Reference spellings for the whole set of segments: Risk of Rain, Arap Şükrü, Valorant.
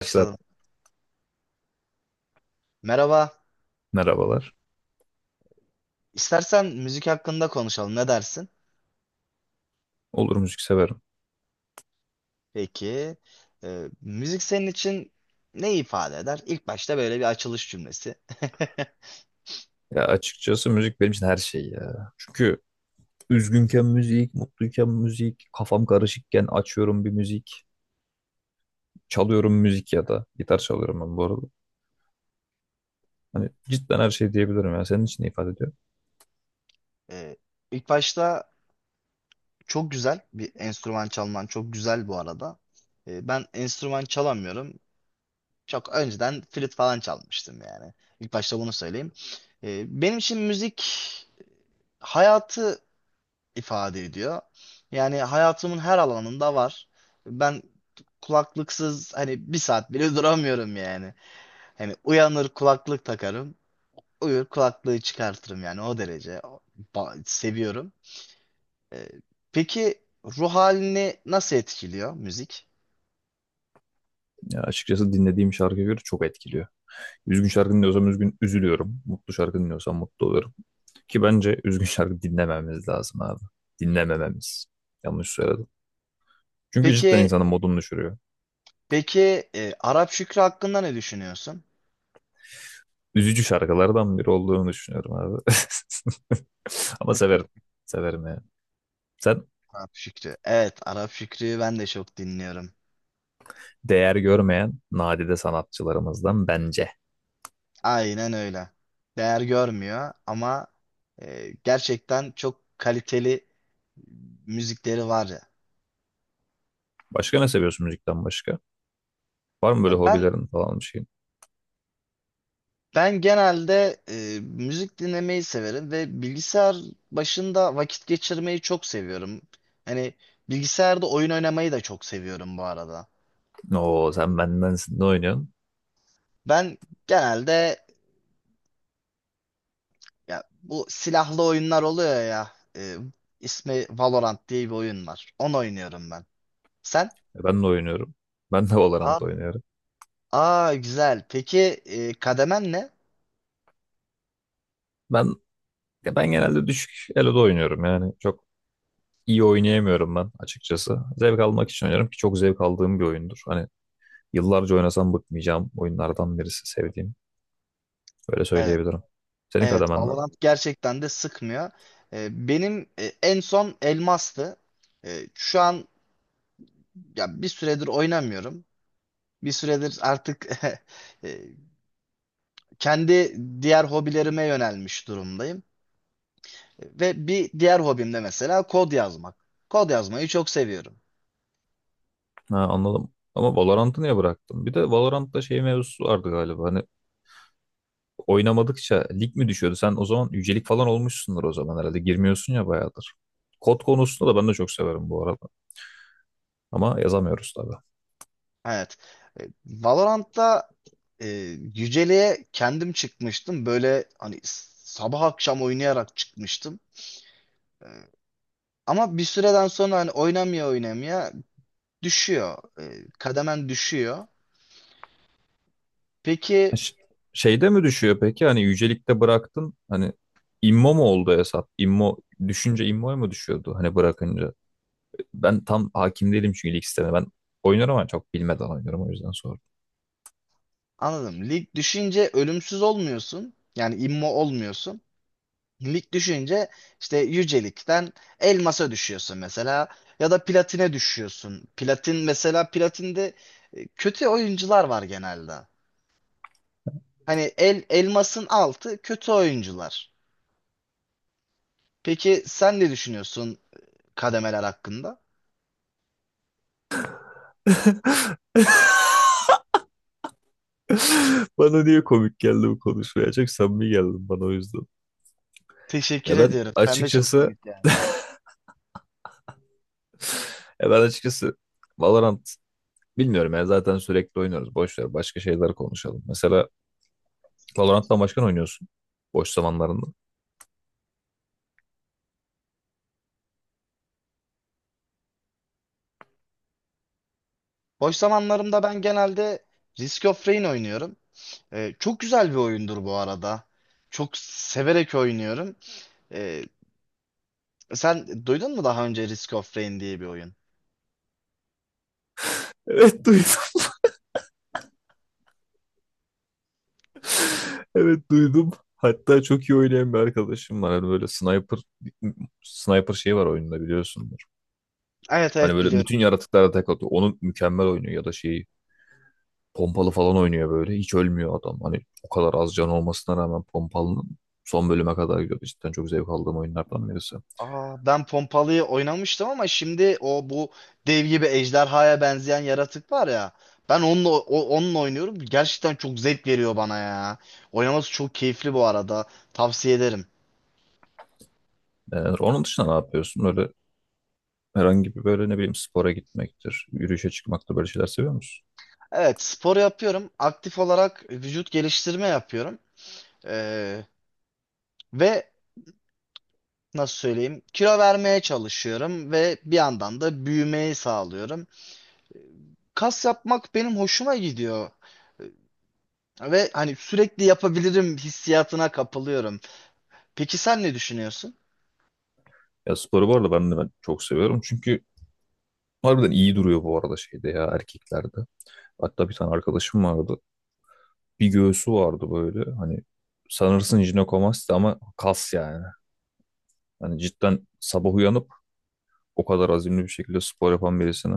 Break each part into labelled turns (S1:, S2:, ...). S1: Arkadaşlar
S2: Başladım. Merhaba.
S1: merhabalar.
S2: İstersen müzik hakkında konuşalım. Ne dersin?
S1: Olur, müzik severim.
S2: Peki. Müzik senin için ne ifade eder? İlk başta böyle bir açılış cümlesi.
S1: Ya açıkçası müzik benim için her şey ya. Çünkü üzgünken müzik, mutluyken müzik, kafam karışıkken açıyorum bir müzik, çalıyorum müzik ya da gitar çalıyorum ben bu arada. Hani cidden her şey diyebilirim ya. Senin için ne ifade ediyor?
S2: Ee, ilk başta çok güzel bir enstrüman çalman. Çok güzel bu arada. Ben enstrüman çalamıyorum. Çok önceden flüt falan çalmıştım yani. İlk başta bunu söyleyeyim. Benim için müzik hayatı ifade ediyor. Yani hayatımın her alanında var. Ben kulaklıksız hani bir saat bile duramıyorum yani. Hani uyanır kulaklık takarım, uyur kulaklığı çıkartırım yani o derece seviyorum. Ee, peki ruh halini nasıl etkiliyor müzik?
S1: Ya açıkçası dinlediğim şarkıya göre çok etkiliyor. Üzgün şarkı dinliyorsam üzgün üzülüyorum. Mutlu şarkı dinliyorsam mutlu oluyorum. Ki bence üzgün şarkı dinlememiz lazım abi. Dinlemememiz. Yanlış söyledim. Çünkü cidden
S2: Peki
S1: insanın modunu düşürüyor.
S2: peki Arap Şükrü hakkında ne düşünüyorsun?
S1: Üzücü şarkılardan biri olduğunu düşünüyorum abi. Ama severim. Severim yani. Sen
S2: Arap Şükrü. Evet, Arap Şükrü'yü ben de çok dinliyorum.
S1: değer görmeyen nadide sanatçılarımızdan bence.
S2: Aynen öyle. Değer görmüyor ama gerçekten çok kaliteli müzikleri var ya.
S1: Başka ne seviyorsun müzikten başka? Var mı
S2: Ya
S1: böyle
S2: Ben
S1: hobilerin falan bir şeyin?
S2: ben genelde müzik dinlemeyi severim ve bilgisayar başında vakit geçirmeyi çok seviyorum. Hani bilgisayarda oyun oynamayı da çok seviyorum bu arada.
S1: Oo, sen bendensin. Ne oynuyorsun?
S2: Ben genelde ya bu silahlı oyunlar oluyor ya. İsmi Valorant diye bir oyun var. Onu oynuyorum ben. Sen?
S1: Ben de oynuyorum. Ben de Valorant
S2: Aa.
S1: oynuyorum.
S2: Aa güzel. Peki kademen ne?
S1: Ben ya ben genelde düşük elo'da oynuyorum yani. Çok iyi oynayamıyorum ben açıkçası. Zevk almak için oynuyorum ki çok zevk aldığım bir oyundur. Hani yıllarca oynasam bıkmayacağım oyunlardan birisi sevdiğim. Böyle
S2: Evet.
S1: söyleyebilirim. Senin
S2: Evet.
S1: kademen ne?
S2: Valorant gerçekten de sıkmıyor. Benim en son elmastı. Şu an ya bir süredir oynamıyorum. Bir süredir artık e, kendi diğer hobilerime yönelmiş durumdayım. Ve bir diğer hobim de mesela kod yazmak. Kod yazmayı çok seviyorum.
S1: Ha, anladım. Ama Valorant'ı niye bıraktın? Bir de Valorant'ta şey mevzusu vardı galiba. Hani oynamadıkça lig mi düşüyordu? Sen o zaman yücelik falan olmuşsundur o zaman herhalde. Girmiyorsun ya bayağıdır. Kod konusunda da ben de çok severim bu arada. Ama yazamıyoruz tabii.
S2: Evet. Valorant'ta e, yüceliğe kendim çıkmıştım. Böyle hani sabah akşam oynayarak çıkmıştım. Ama bir süreden sonra hani oynamaya oynamaya düşüyor. Kademen düşüyor.
S1: Ha,
S2: Peki
S1: Şeyde mi düşüyor peki? Hani yücelikte bıraktın. Hani immo mu oldu hesap? İmmo düşünce immoya mı düşüyordu? Hani bırakınca. Ben tam hakim değilim çünkü lig sistemine. Ben oynuyorum ama çok bilmeden oynuyorum, o yüzden sordum.
S2: anladım. Lig düşünce ölümsüz olmuyorsun. Yani immo olmuyorsun. Lig düşünce işte yücelikten elmasa düşüyorsun mesela. Ya da platine düşüyorsun. Platin mesela platinde kötü oyuncular var genelde. Hani elmasın altı kötü oyuncular. Peki sen ne düşünüyorsun kademeler hakkında?
S1: Bana niye komik geldi bu konuşmaya? Çok samimi geldi bana, o yüzden.
S2: Teşekkür
S1: Ya ben
S2: ediyorum. Sen de çok
S1: açıkçası
S2: komik.
S1: ya ben açıkçası Valorant bilmiyorum ya, zaten sürekli oynuyoruz. Boş ver, başka şeyler konuşalım. Mesela Valorant'tan başka ne oynuyorsun boş zamanlarında?
S2: Boş zamanlarımda ben genelde Risk of Rain oynuyorum. Çok güzel bir oyundur bu arada. Çok severek oynuyorum. Ee, Sen duydun mu daha önce Risk of Rain diye bir oyun?
S1: Evet, duydum. Evet, duydum. Hatta çok iyi oynayan bir arkadaşım var. Hani böyle sniper şeyi var oyunda biliyorsun.
S2: Evet
S1: Hani
S2: evet
S1: böyle
S2: biliyorum.
S1: bütün yaratıklara tek atıyor. Onu mükemmel oynuyor ya da şeyi, pompalı falan oynuyor böyle. Hiç ölmüyor adam. Hani o kadar az can olmasına rağmen pompalının son bölüme kadar gidiyordu. Cidden çok zevk aldığım oyunlardan birisi.
S2: Aa, ben Pompalı'yı oynamıştım ama şimdi o bu dev gibi ejderhaya benzeyen yaratık var ya. Ben onunla, onunla oynuyorum. Gerçekten çok zevk veriyor bana ya. Oynaması çok keyifli bu arada. Tavsiye ederim.
S1: Onun dışında ne yapıyorsun? Öyle herhangi bir böyle, ne bileyim, spora gitmektir, yürüyüşe çıkmaktır, böyle şeyler seviyor musun?
S2: Evet spor yapıyorum. Aktif olarak vücut geliştirme yapıyorum. Ee, Ve nasıl söyleyeyim? Kilo vermeye çalışıyorum ve bir yandan da büyümeyi sağlıyorum. Kas yapmak benim hoşuma gidiyor ve hani sürekli yapabilirim hissiyatına kapılıyorum. Peki sen ne düşünüyorsun?
S1: Ya sporu bu arada ben çok seviyorum. Çünkü harbiden iyi duruyor bu arada şeyde ya, erkeklerde. Hatta bir tane arkadaşım vardı. Bir göğsü vardı böyle. Hani sanırsın jinekomasti ama kas yani. Hani cidden sabah uyanıp o kadar azimli bir şekilde spor yapan birisini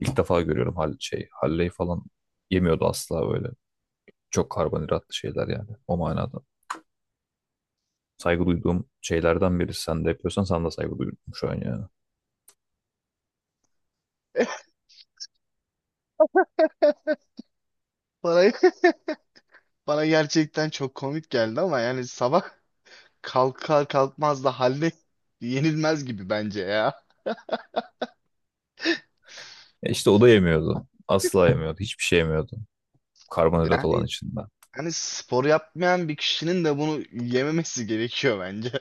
S1: ilk defa görüyorum. Halley falan yemiyordu asla böyle. Çok karbonhidratlı şeyler yani o manada. Saygı duyduğum şeylerden biri. Sen de yapıyorsan sana da saygı duydum şu an yani.
S2: Bana, bana gerçekten çok komik geldi ama yani sabah kalkar kalkmaz da haline yenilmez gibi bence ya.
S1: E işte o da yemiyordu. Asla yemiyordu. Hiçbir şey yemiyordu. Karbonhidrat olan
S2: Yani
S1: içinde.
S2: hani spor yapmayan bir kişinin de bunu yememesi gerekiyor bence.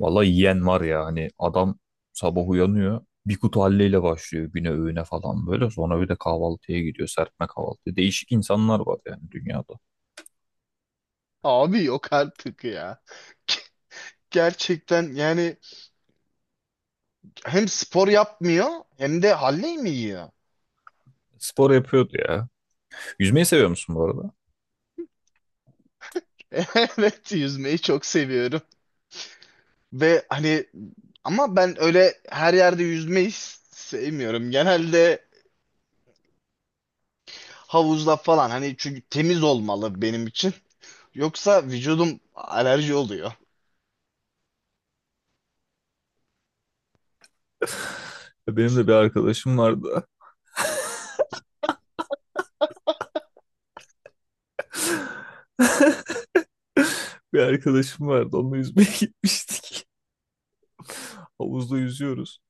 S1: Vallahi yiyen var ya, hani adam sabah uyanıyor. Bir kutu halleyle başlıyor güne, öğüne falan böyle. Sonra bir de kahvaltıya gidiyor. Serpme kahvaltı. Değişik insanlar var yani dünyada.
S2: Abi yok artık ya. Gerçekten yani hem spor yapmıyor hem de Halley mi yiyor?
S1: Spor yapıyordu ya. Yüzmeyi seviyor musun bu arada?
S2: Evet yüzmeyi çok seviyorum. Ve hani ama ben öyle her yerde yüzmeyi sevmiyorum. Genelde havuzda falan hani çünkü temiz olmalı benim için. Yoksa vücudum alerji oluyor.
S1: Benim de bir arkadaşım vardı. Bir arkadaşım vardı. Onunla yüzmeye gitmiştik. Havuzda yüzüyoruz.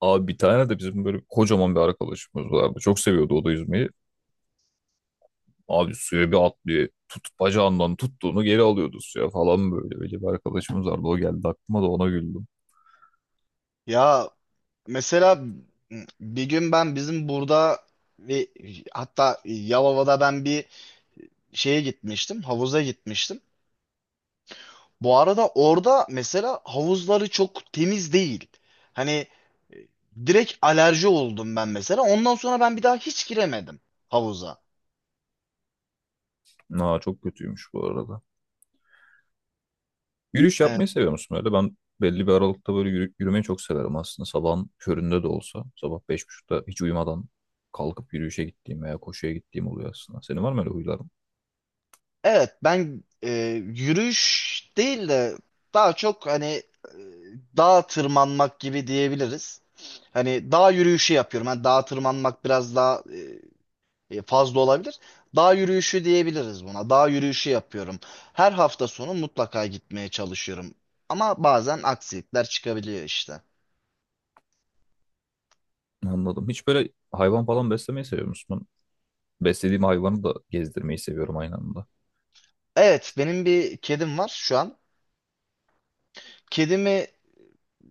S1: Abi bir tane de bizim böyle kocaman bir arkadaşımız vardı. Çok seviyordu o da yüzmeyi. Abi suya bir atlıyor. Tut, bacağından tuttuğunu geri alıyordu suya falan böyle. Böyle bir arkadaşımız vardı. O geldi aklıma, da ona güldüm.
S2: Ya mesela bir gün ben bizim burada ve hatta Yalova'da ben bir şeye gitmiştim, havuza gitmiştim. Bu arada orada mesela havuzları çok temiz değil. Hani e, direkt alerji oldum ben mesela. Ondan sonra ben bir daha hiç giremedim havuza.
S1: Aa, çok kötüymüş bu arada. Yürüyüş
S2: Evet,
S1: yapmayı seviyor musun öyle? Ben belli bir aralıkta böyle yürümeyi çok severim aslında. Sabahın köründe de olsa. Sabah 5.30'da hiç uyumadan kalkıp yürüyüşe gittiğim veya koşuya gittiğim oluyor aslında. Senin var mı öyle huyların?
S2: evet ben yürüyüş değil de daha çok hani dağa tırmanmak gibi diyebiliriz. Hani dağ yürüyüşü yapıyorum. Hani dağa tırmanmak biraz daha fazla olabilir. Dağ yürüyüşü diyebiliriz buna. Dağ yürüyüşü yapıyorum. Her hafta sonu mutlaka gitmeye çalışıyorum. Ama bazen aksilikler çıkabiliyor işte.
S1: Anladım. Hiç böyle hayvan falan beslemeyi seviyor musun? Ben beslediğim hayvanı da gezdirmeyi seviyorum aynı anda.
S2: Evet, benim bir kedim var şu an. Kedimi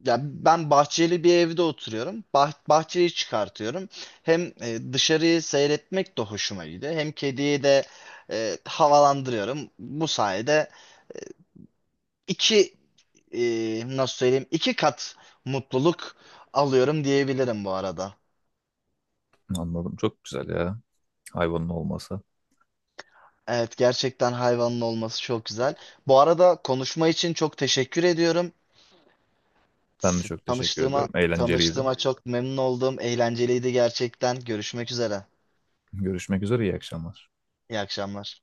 S2: ya ben bahçeli bir evde oturuyorum. Bahçeyi çıkartıyorum. Hem dışarıyı seyretmek de hoşuma gidiyor. Hem kediyi de havalandırıyorum. Bu sayede iki e, nasıl söyleyeyim, iki kat mutluluk alıyorum diyebilirim bu arada.
S1: Anladım. Çok güzel ya, hayvanın olması.
S2: Evet gerçekten hayvanın olması çok güzel. Bu arada konuşma için çok teşekkür ediyorum.
S1: Ben de
S2: S-
S1: çok teşekkür
S2: Tanıştığıma
S1: ediyorum. Eğlenceliydi.
S2: tanıştığıma çok memnun oldum. Eğlenceliydi gerçekten. Görüşmek üzere.
S1: Görüşmek üzere. İyi akşamlar.
S2: İyi akşamlar.